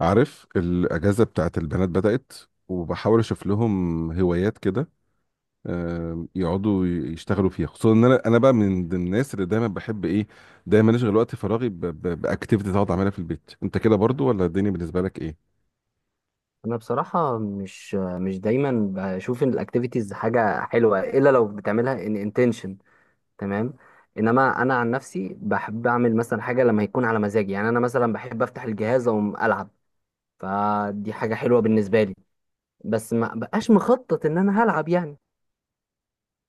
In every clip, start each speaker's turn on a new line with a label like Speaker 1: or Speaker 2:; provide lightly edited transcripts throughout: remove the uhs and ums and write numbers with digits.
Speaker 1: عارف الأجازة بتاعت البنات بدأت، وبحاول أشوف لهم هوايات كده. يقعدوا يشتغلوا فيها، خصوصا ان انا بقى من ضمن الناس اللي دايما بحب ايه، دايما اشغل وقت فراغي باكتيفيتي اقعد اعملها في البيت. انت كده برضو ولا الدنيا بالنسبه لك ايه؟
Speaker 2: انا بصراحه مش دايما بشوف ان الاكتيفيتيز حاجه حلوه الا لو بتعملها ان انتنشن. تمام. انما انا عن نفسي بحب اعمل مثلا حاجه لما يكون على مزاجي، يعني انا مثلا بحب افتح الجهاز واقوم العب، فدي حاجه حلوه بالنسبه لي، بس ما بقاش مخطط ان انا هلعب يعني.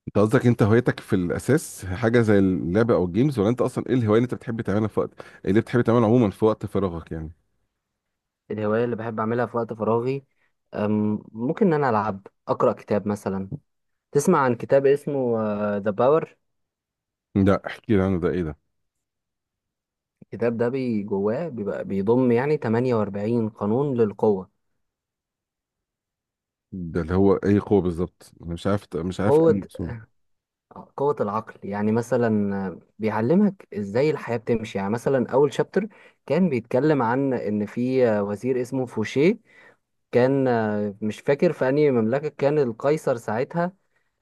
Speaker 1: انت قصدك انت هوايتك في الاساس حاجه زي اللعبه او الجيمز، ولا انت اصلا ايه الهوايه اللي انت بتحب تعملها في وقت، اللي بتحب تعملها عموما في وقت فراغك يعني؟
Speaker 2: الهوايه اللي بحب اعملها في وقت فراغي، ممكن ان انا العب اقرا كتاب مثلا. تسمع عن كتاب اسمه ذا باور؟
Speaker 1: لا، احكي لي عنه، ده ايه ده؟
Speaker 2: الكتاب ده بي جواه بيبقى بيضم يعني 48 قانون للقوه.
Speaker 1: ده اللي هو ايه قوه بالظبط، انا مش عارف ايه
Speaker 2: قوة،
Speaker 1: المقصود.
Speaker 2: قوة العقل. يعني مثلا بيعلمك ازاي الحياة بتمشي. يعني مثلا أول شابتر كان بيتكلم عن إن في وزير اسمه فوشيه، كان، مش فاكر في أنهي مملكة كان القيصر ساعتها.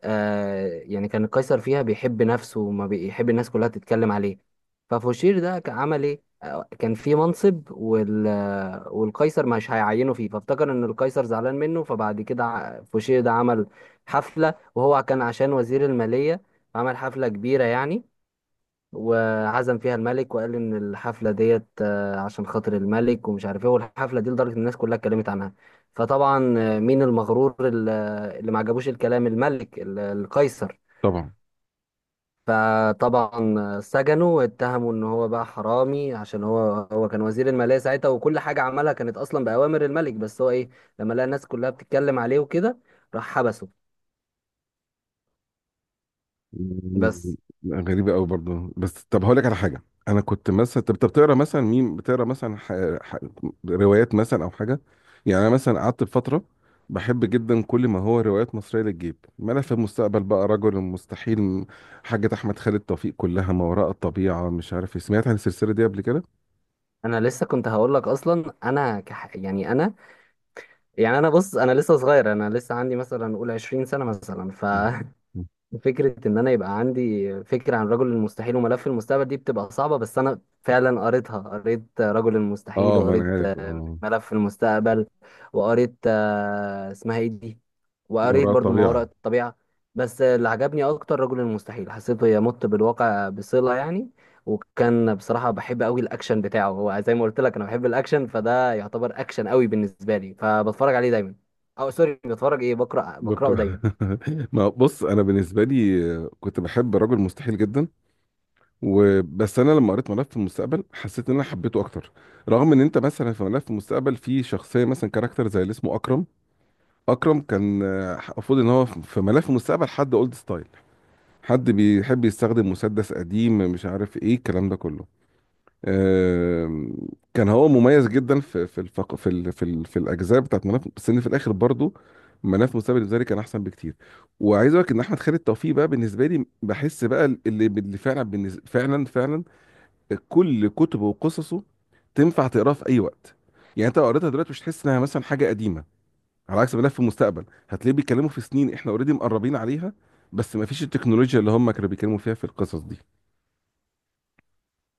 Speaker 2: آه، يعني كان قيصر فيها بيحب نفسه وما بيحب الناس كلها تتكلم عليه. ففوشير ده كان عمل ايه؟ كان في منصب وال والقيصر مش هيعينه فيه، فافتكر ان القيصر زعلان منه. فبعد كده فوشير ده عمل حفلة، وهو كان عشان وزير المالية، عمل حفلة كبيرة يعني. وعزم فيها الملك وقال ان الحفله ديت عشان خاطر الملك ومش عارف ايه. والحفله دي لدرجه إن الناس كلها اتكلمت عنها. فطبعا، مين المغرور اللي اللي ما عجبوش الكلام؟ الملك القيصر.
Speaker 1: طبعا.
Speaker 2: فطبعا سجنه واتهموا ان هو بقى حرامي، عشان هو، هو كان وزير الماليه ساعتها، وكل حاجه عملها كانت اصلا باوامر الملك. بس هو ايه، لما لقى الناس كلها بتتكلم عليه وكده، راح حبسه. بس
Speaker 1: لا، غريبة قوي برضه، بس طب هقول لك على حاجة. أنا كنت مثلا طب بتقرا مثلا مين، بتقرا مثلا ح... روايات مثلا أو حاجة. يعني أنا مثلا قعدت بفترة بحب جدا كل ما هو روايات مصرية للجيب، ملف المستقبل بقى، رجل المستحيل حاجة أحمد خالد توفيق، كلها، ما وراء الطبيعة مش عارف إيه. سمعت عن السلسلة دي قبل كده؟
Speaker 2: انا لسه كنت هقول لك اصلا، انا يعني انا، يعني انا بص، انا لسه صغير، انا لسه عندي مثلا قول 20 سنه مثلا،
Speaker 1: مم.
Speaker 2: ففكره ان انا يبقى عندي فكره عن رجل المستحيل وملف المستقبل دي بتبقى صعبه. بس انا فعلا قريتها، قريت رجل المستحيل،
Speaker 1: اه ما انا
Speaker 2: وقريت
Speaker 1: عارف اه.
Speaker 2: ملف في المستقبل، وقريت اسمها ايه دي،
Speaker 1: ما
Speaker 2: وقريت
Speaker 1: وراء
Speaker 2: برضو ما وراء
Speaker 1: الطبيعة.
Speaker 2: الطبيعة. بس اللي عجبني اكتر رجل المستحيل، حسيته يمت بالواقع بصلة يعني. وكان بصراحة بحب قوي الاكشن بتاعه، هو زي ما قلت لك انا بحب الاكشن، فده يعتبر اكشن قوي بالنسبة لي، فبتفرج عليه دايما، او سوري بتفرج ايه، بقرأ، بقرأه
Speaker 1: بقرا.
Speaker 2: دايما.
Speaker 1: ما بص، انا بالنسبه لي كنت بحب رجل مستحيل جدا. وبس انا لما قريت ملف المستقبل حسيت ان انا حبيته اكتر. رغم ان انت مثلا في ملف المستقبل في شخصيه مثلا كاركتر زي اللي اسمه اكرم. اكرم كان المفروض ان هو في ملف المستقبل حد اولد ستايل، حد بيحب يستخدم مسدس قديم مش عارف ايه الكلام ده كله. آم، كان هو مميز جدا في الفق... في ال... في, ال... في الاجزاء بتاعت ملف. بس ان في الاخر برضو ملف مستقبل بالنسبه لي كان احسن بكتير. وعايز اقول لك ان احمد خالد توفيق بقى بالنسبه لي بحس بقى اللي فعلا فعلا كل كتبه وقصصه تنفع تقراها في اي وقت. يعني انت لو قريتها دلوقتي مش هتحس انها مثلا حاجه قديمه، على عكس ملف المستقبل هتلاقيه بيتكلموا في سنين احنا اوريدي مقربين عليها، بس ما فيش التكنولوجيا اللي هم كانوا بيتكلموا فيها في القصص دي.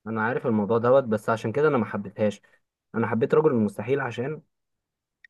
Speaker 2: انا عارف الموضوع دوت، بس عشان كده انا ما حبيتهاش. انا حبيت رجل المستحيل عشان،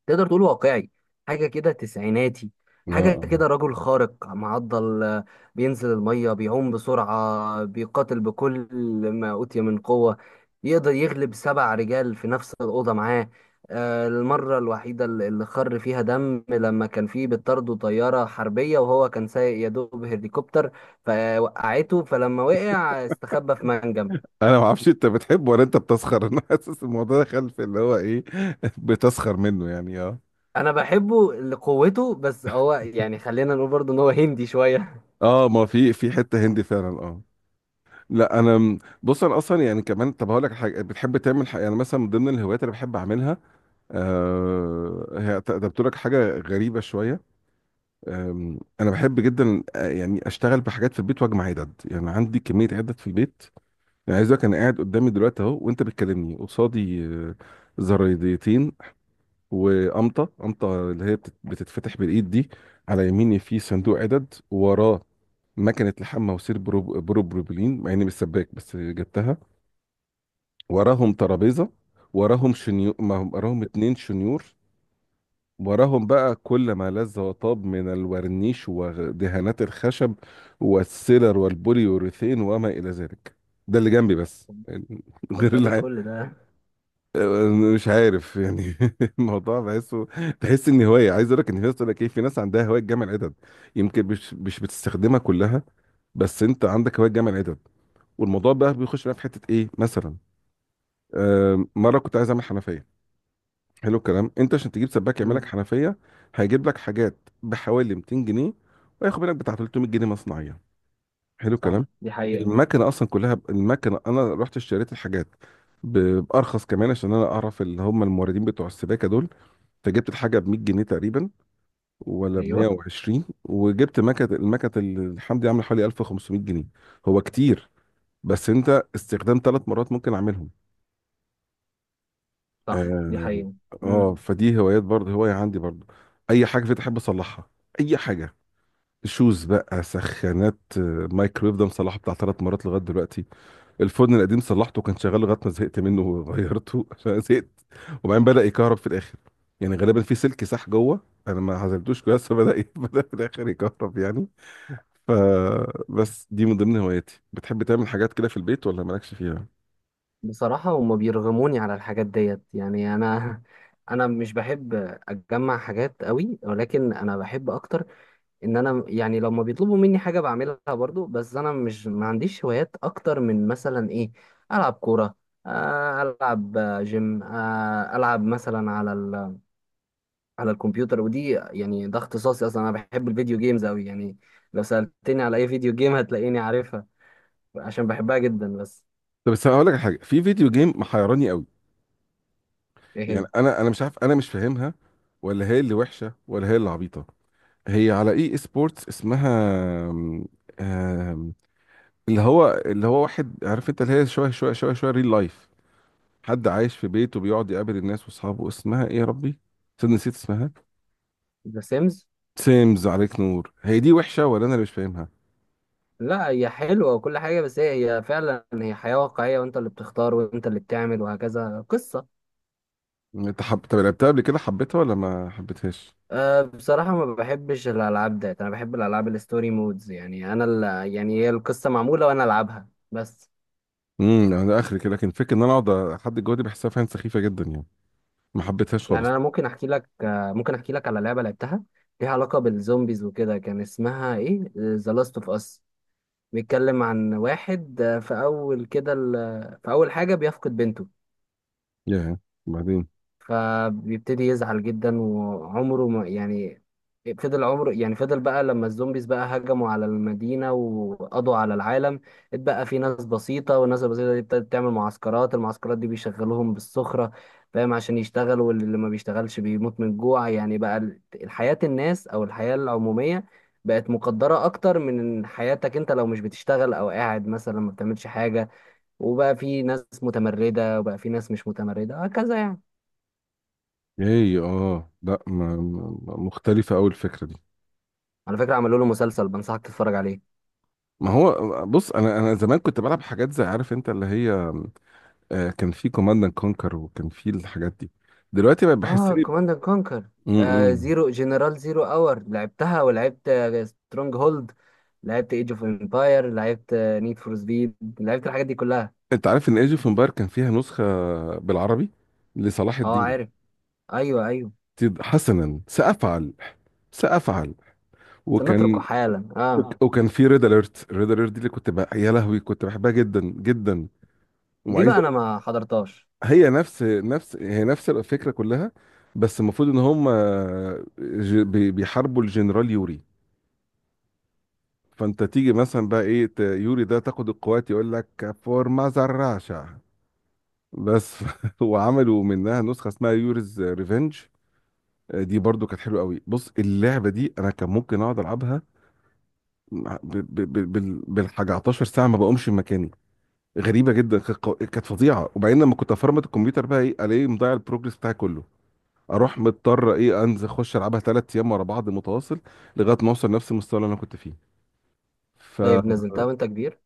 Speaker 2: تقدر تقول واقعي، حاجة كده تسعيناتي،
Speaker 1: اه
Speaker 2: حاجة
Speaker 1: آه.
Speaker 2: كده رجل خارق معضل. بينزل المية، بيعوم بسرعة، بيقاتل بكل ما أوتي من قوة، يقدر يغلب سبع رجال في نفس الأوضة معاه. المرة الوحيدة اللي خر فيها دم لما كان فيه بتطارده طيارة حربية، وهو كان سايق يا دوب هليكوبتر، فوقعته، فلما وقع استخبى في منجم.
Speaker 1: انا ما اعرفش انت بتحبه ولا انت بتسخر. انا حاسس الموضوع ده خلف اللي هو ايه. بتسخر منه يعني اه.
Speaker 2: أنا بحبه لقوته، بس هو يعني خلينا نقول برضه إن هو هندي شوية.
Speaker 1: اه ما في في حته هندي فعلا اه. لا، انا بص، انا اصلا يعني كمان، طب هقول لك حاجه. بتحب تعمل حاجه؟ يعني مثلا من ضمن الهوايات اللي بحب اعملها، هي ده، بتقول لك حاجة غريبة شوية. أنا بحب جدا يعني أشتغل بحاجات في البيت وأجمع عدد. يعني عندي كمية عدد في البيت. يعني عايز أقولك، أنا قاعد قدامي دلوقتي أهو وأنت بتكلمني قصادي زرايديتين، وقمطة اللي هي بتتفتح بالإيد دي. على يميني في صندوق عدد. وراه مكنة لحام مواسير بروبلين، مع إني مش سباك بس جبتها. وراهم ترابيزة، وراهم شنيور، وراهم اتنين شنيور، وراهم بقى كل ما لذ وطاب من الورنيش ودهانات الخشب والسيلر والبوليوريثين وما إلى ذلك. ده اللي جنبي بس يعني،
Speaker 2: طب
Speaker 1: غير
Speaker 2: ده ليه كل ده؟
Speaker 1: مش عارف يعني. الموضوع بحسه، تحس ان هوايه. عايز اقول لك ان في ناس تقول لك ايه، في ناس عندها هوايه جمع العدد. يمكن مش بتستخدمها كلها، بس انت عندك هوايه جمع العدد. والموضوع بقى بيخش بقى في حته ايه مثلا، مره كنت عايز اعمل حنفيه. حلو الكلام. انت عشان تجيب سباك يعمل لك
Speaker 2: مم.
Speaker 1: حنفيه، هيجيب لك حاجات بحوالي 200 جنيه وياخد منك بتاع 300 جنيه مصنعيه، حلو الكلام.
Speaker 2: صح، دي حقيقة.
Speaker 1: المكنه اصلا كلها المكنه انا رحت اشتريت الحاجات بارخص كمان، عشان انا اعرف اللي هم الموردين بتوع السباكه دول. فجبت الحاجه ب 100 جنيه تقريبا، ولا ب
Speaker 2: ايوه،
Speaker 1: 120، وجبت مكنه، المكنه اللي الحمد لله عامله حوالي 1500 جنيه. هو كتير، بس انت استخدام 3 مرات ممكن اعملهم.
Speaker 2: صح، دي
Speaker 1: اه.
Speaker 2: حقيقة. مم.
Speaker 1: فدي هوايات برضه، هواية عندي برضه. اي حاجة في احب اصلحها، اي حاجة. شوز بقى، سخانات، مايكرويف ده مصلحه بتاع 3 مرات لغاية دلوقتي. الفرن القديم صلحته، كان شغال لغاية ما زهقت منه وغيرته عشان زهقت. وبعدين بدأ يكهرب في الاخر، يعني غالبا في سلك ساح جوه انا ما عزلتوش كويس. فبدأ بدأ في الاخر يكهرب يعني. ف، بس دي من ضمن هواياتي. بتحب تعمل حاجات كده في البيت ولا مالكش فيها؟
Speaker 2: بصراحة هما بيرغموني على الحاجات ديت، يعني انا انا مش بحب اتجمع حاجات قوي، ولكن انا بحب اكتر ان انا يعني لما بيطلبوا مني حاجة بعملها برضو. بس انا مش، ما عنديش هوايات اكتر من مثلا ايه، العب كورة، العب جيم، العب مثلا على على الكمبيوتر، ودي يعني ده اختصاصي اصلا، انا بحب الفيديو جيمز قوي يعني. لو سألتني على اي فيديو جيم هتلاقيني عارفها عشان بحبها جدا. بس
Speaker 1: طب بس هقول لك على حاجه في فيديو جيم محيراني.
Speaker 2: ايه
Speaker 1: يعني
Speaker 2: هي؟
Speaker 1: انا مش عارف، انا مش فاهمها. ولا هي اللي وحشه ولا هي اللي عبيطه؟ هي على اي سبورتس اسمها آم، آم، اللي هو، اللي هو واحد، عارف انت، اللي هي شويه شويه ريل لايف. حد عايش في بيته بيقعد يقابل الناس واصحابه. اسمها ايه يا ربي؟ صدق نسيت اسمها.
Speaker 2: ذا سيمز.
Speaker 1: سيمز، عليك نور، هي دي وحشه ولا انا اللي مش فاهمها؟
Speaker 2: لا هي حلوة وكل حاجة، بس هي، هي فعلا هي حياة واقعية، وانت اللي بتختار وانت اللي بتعمل وهكذا قصة.
Speaker 1: انت طب لعبتها قبل كده، حبيتها ولا ما حبيتهاش؟
Speaker 2: أه بصراحة ما بحبش الألعاب ده، أنا بحب الألعاب الستوري مودز، يعني أنا اللي يعني هي القصة معمولة وأنا ألعبها بس.
Speaker 1: انا اخر كده، لكن فكره ان انا اقعد احدد جوه دي بحسها فعلا سخيفه جدا يعني. ما حبيتهاش
Speaker 2: يعني
Speaker 1: خالص.
Speaker 2: انا ممكن احكي لك، ممكن احكي لك على لعبه لعبتها، ليها علاقه بالزومبيز وكده، كان اسمها ايه؟ ذا لاست اوف اس. بيتكلم عن واحد في اول كده في اول حاجه بيفقد بنته.
Speaker 1: ياه. بعدين.
Speaker 2: فبيبتدي يزعل جدا وعمره ما يعني فضل عمره، يعني فضل بقى لما الزومبيز بقى هجموا على المدينة وقضوا على العالم. اتبقى في ناس بسيطة، والناس البسيطة دي ابتدت تعمل معسكرات، المعسكرات دي بيشغلوهم بالسخرة، فاهم؟ عشان يشتغلوا، واللي ما بيشتغلش بيموت من الجوع. يعني بقى الحياة الناس أو الحياة العمومية بقت مقدرة أكتر من حياتك أنت، لو مش بتشتغل أو قاعد مثلا ما بتعملش حاجة. وبقى في ناس متمردة وبقى في ناس مش متمردة هكذا يعني.
Speaker 1: ايه اه، لا مختلفة أوي الفكرة دي.
Speaker 2: على فكرة عملوا له مسلسل، بنصحك تتفرج عليه.
Speaker 1: ما هو بص، انا زمان كنت بلعب حاجات زي، عارف انت اللي هي، كان في كوماند اند كونكر وكان في الحاجات دي. دلوقتي بقى
Speaker 2: اه،
Speaker 1: بحسني.
Speaker 2: كوماند اند كونكر. آه
Speaker 1: امم.
Speaker 2: زيرو، جنرال زيرو اور لعبتها، ولعبت سترونج هولد، لعبت ايج اوف امباير، لعبت نيد فور سبيد، لعبت الحاجات دي كلها.
Speaker 1: انت عارف ان ايج اوف امباير كان فيها نسخة بالعربي لصلاح
Speaker 2: اه عارف.
Speaker 1: الدين؟
Speaker 2: ايوه، ايوه.
Speaker 1: حسنا سأفعل. سأفعل.
Speaker 2: سنتركه
Speaker 1: وكان،
Speaker 2: حالا اه.
Speaker 1: وكان في ريد اليرت. ريد اليرت دي اللي كنت بقى يا لهوي كنت بحبها جدا جدا.
Speaker 2: دي
Speaker 1: وعايز.
Speaker 2: بقى انا ما حضرتهاش.
Speaker 1: هي نفس هي نفس الفكرة كلها. بس المفروض ان هم بيحاربوا الجنرال يوري. فانت تيجي مثلا بقى ايه، يوري ده تاخد القوات يقول لك فور ماذر راشا بس. وعملوا منها نسخة اسمها يوريز ريفنج، دي برضو كانت حلوة قوي. بص، اللعبة دي انا كان ممكن اقعد العبها بالحاجة 11 ساعة ما بقومش من مكاني. غريبة جدا، كانت كانت فظيعة. وبعدين لما كنت افرمت الكمبيوتر بقى ايه، الاقيه مضيع البروجرس بتاعي كله. اروح مضطر ايه، انزل اخش العبها 3 ايام ورا بعض متواصل لغايه ما اوصل نفس المستوى اللي انا كنت فيه. فما
Speaker 2: طيب نزلتها وانت كبير؟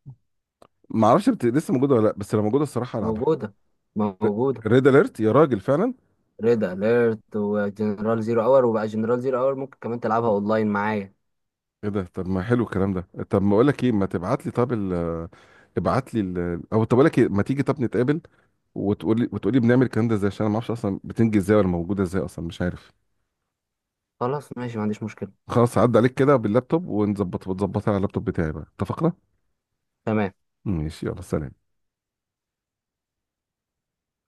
Speaker 1: اعرفش لسه موجوده ولا لا، بس لو موجوده الصراحه العبها.
Speaker 2: موجودة، موجودة.
Speaker 1: ريد اليرت يا راجل فعلا.
Speaker 2: ريد اليرت وجنرال زيرو اور، وبقى جنرال زيرو اور ممكن كمان تلعبها اونلاين معايا.
Speaker 1: ايه ده؟ طب ما حلو الكلام ده. طب ما اقول لك ايه، ما تبعت لي طب ابعت لي او طب اقول لك ايه، ما تيجي طب نتقابل، وتقولي بنعمل الكلام ده ازاي، عشان انا ما اعرفش اصلا بتنجي ازاي ولا موجوده ازاي اصلا مش عارف.
Speaker 2: خلاص ماشي، ما عنديش مشكلة.
Speaker 1: خلاص عدى عليك كده باللابتوب ونظبط، وتظبطها على اللابتوب بتاعي بقى. اتفقنا؟
Speaker 2: تمام.
Speaker 1: ماشي يلا سلام.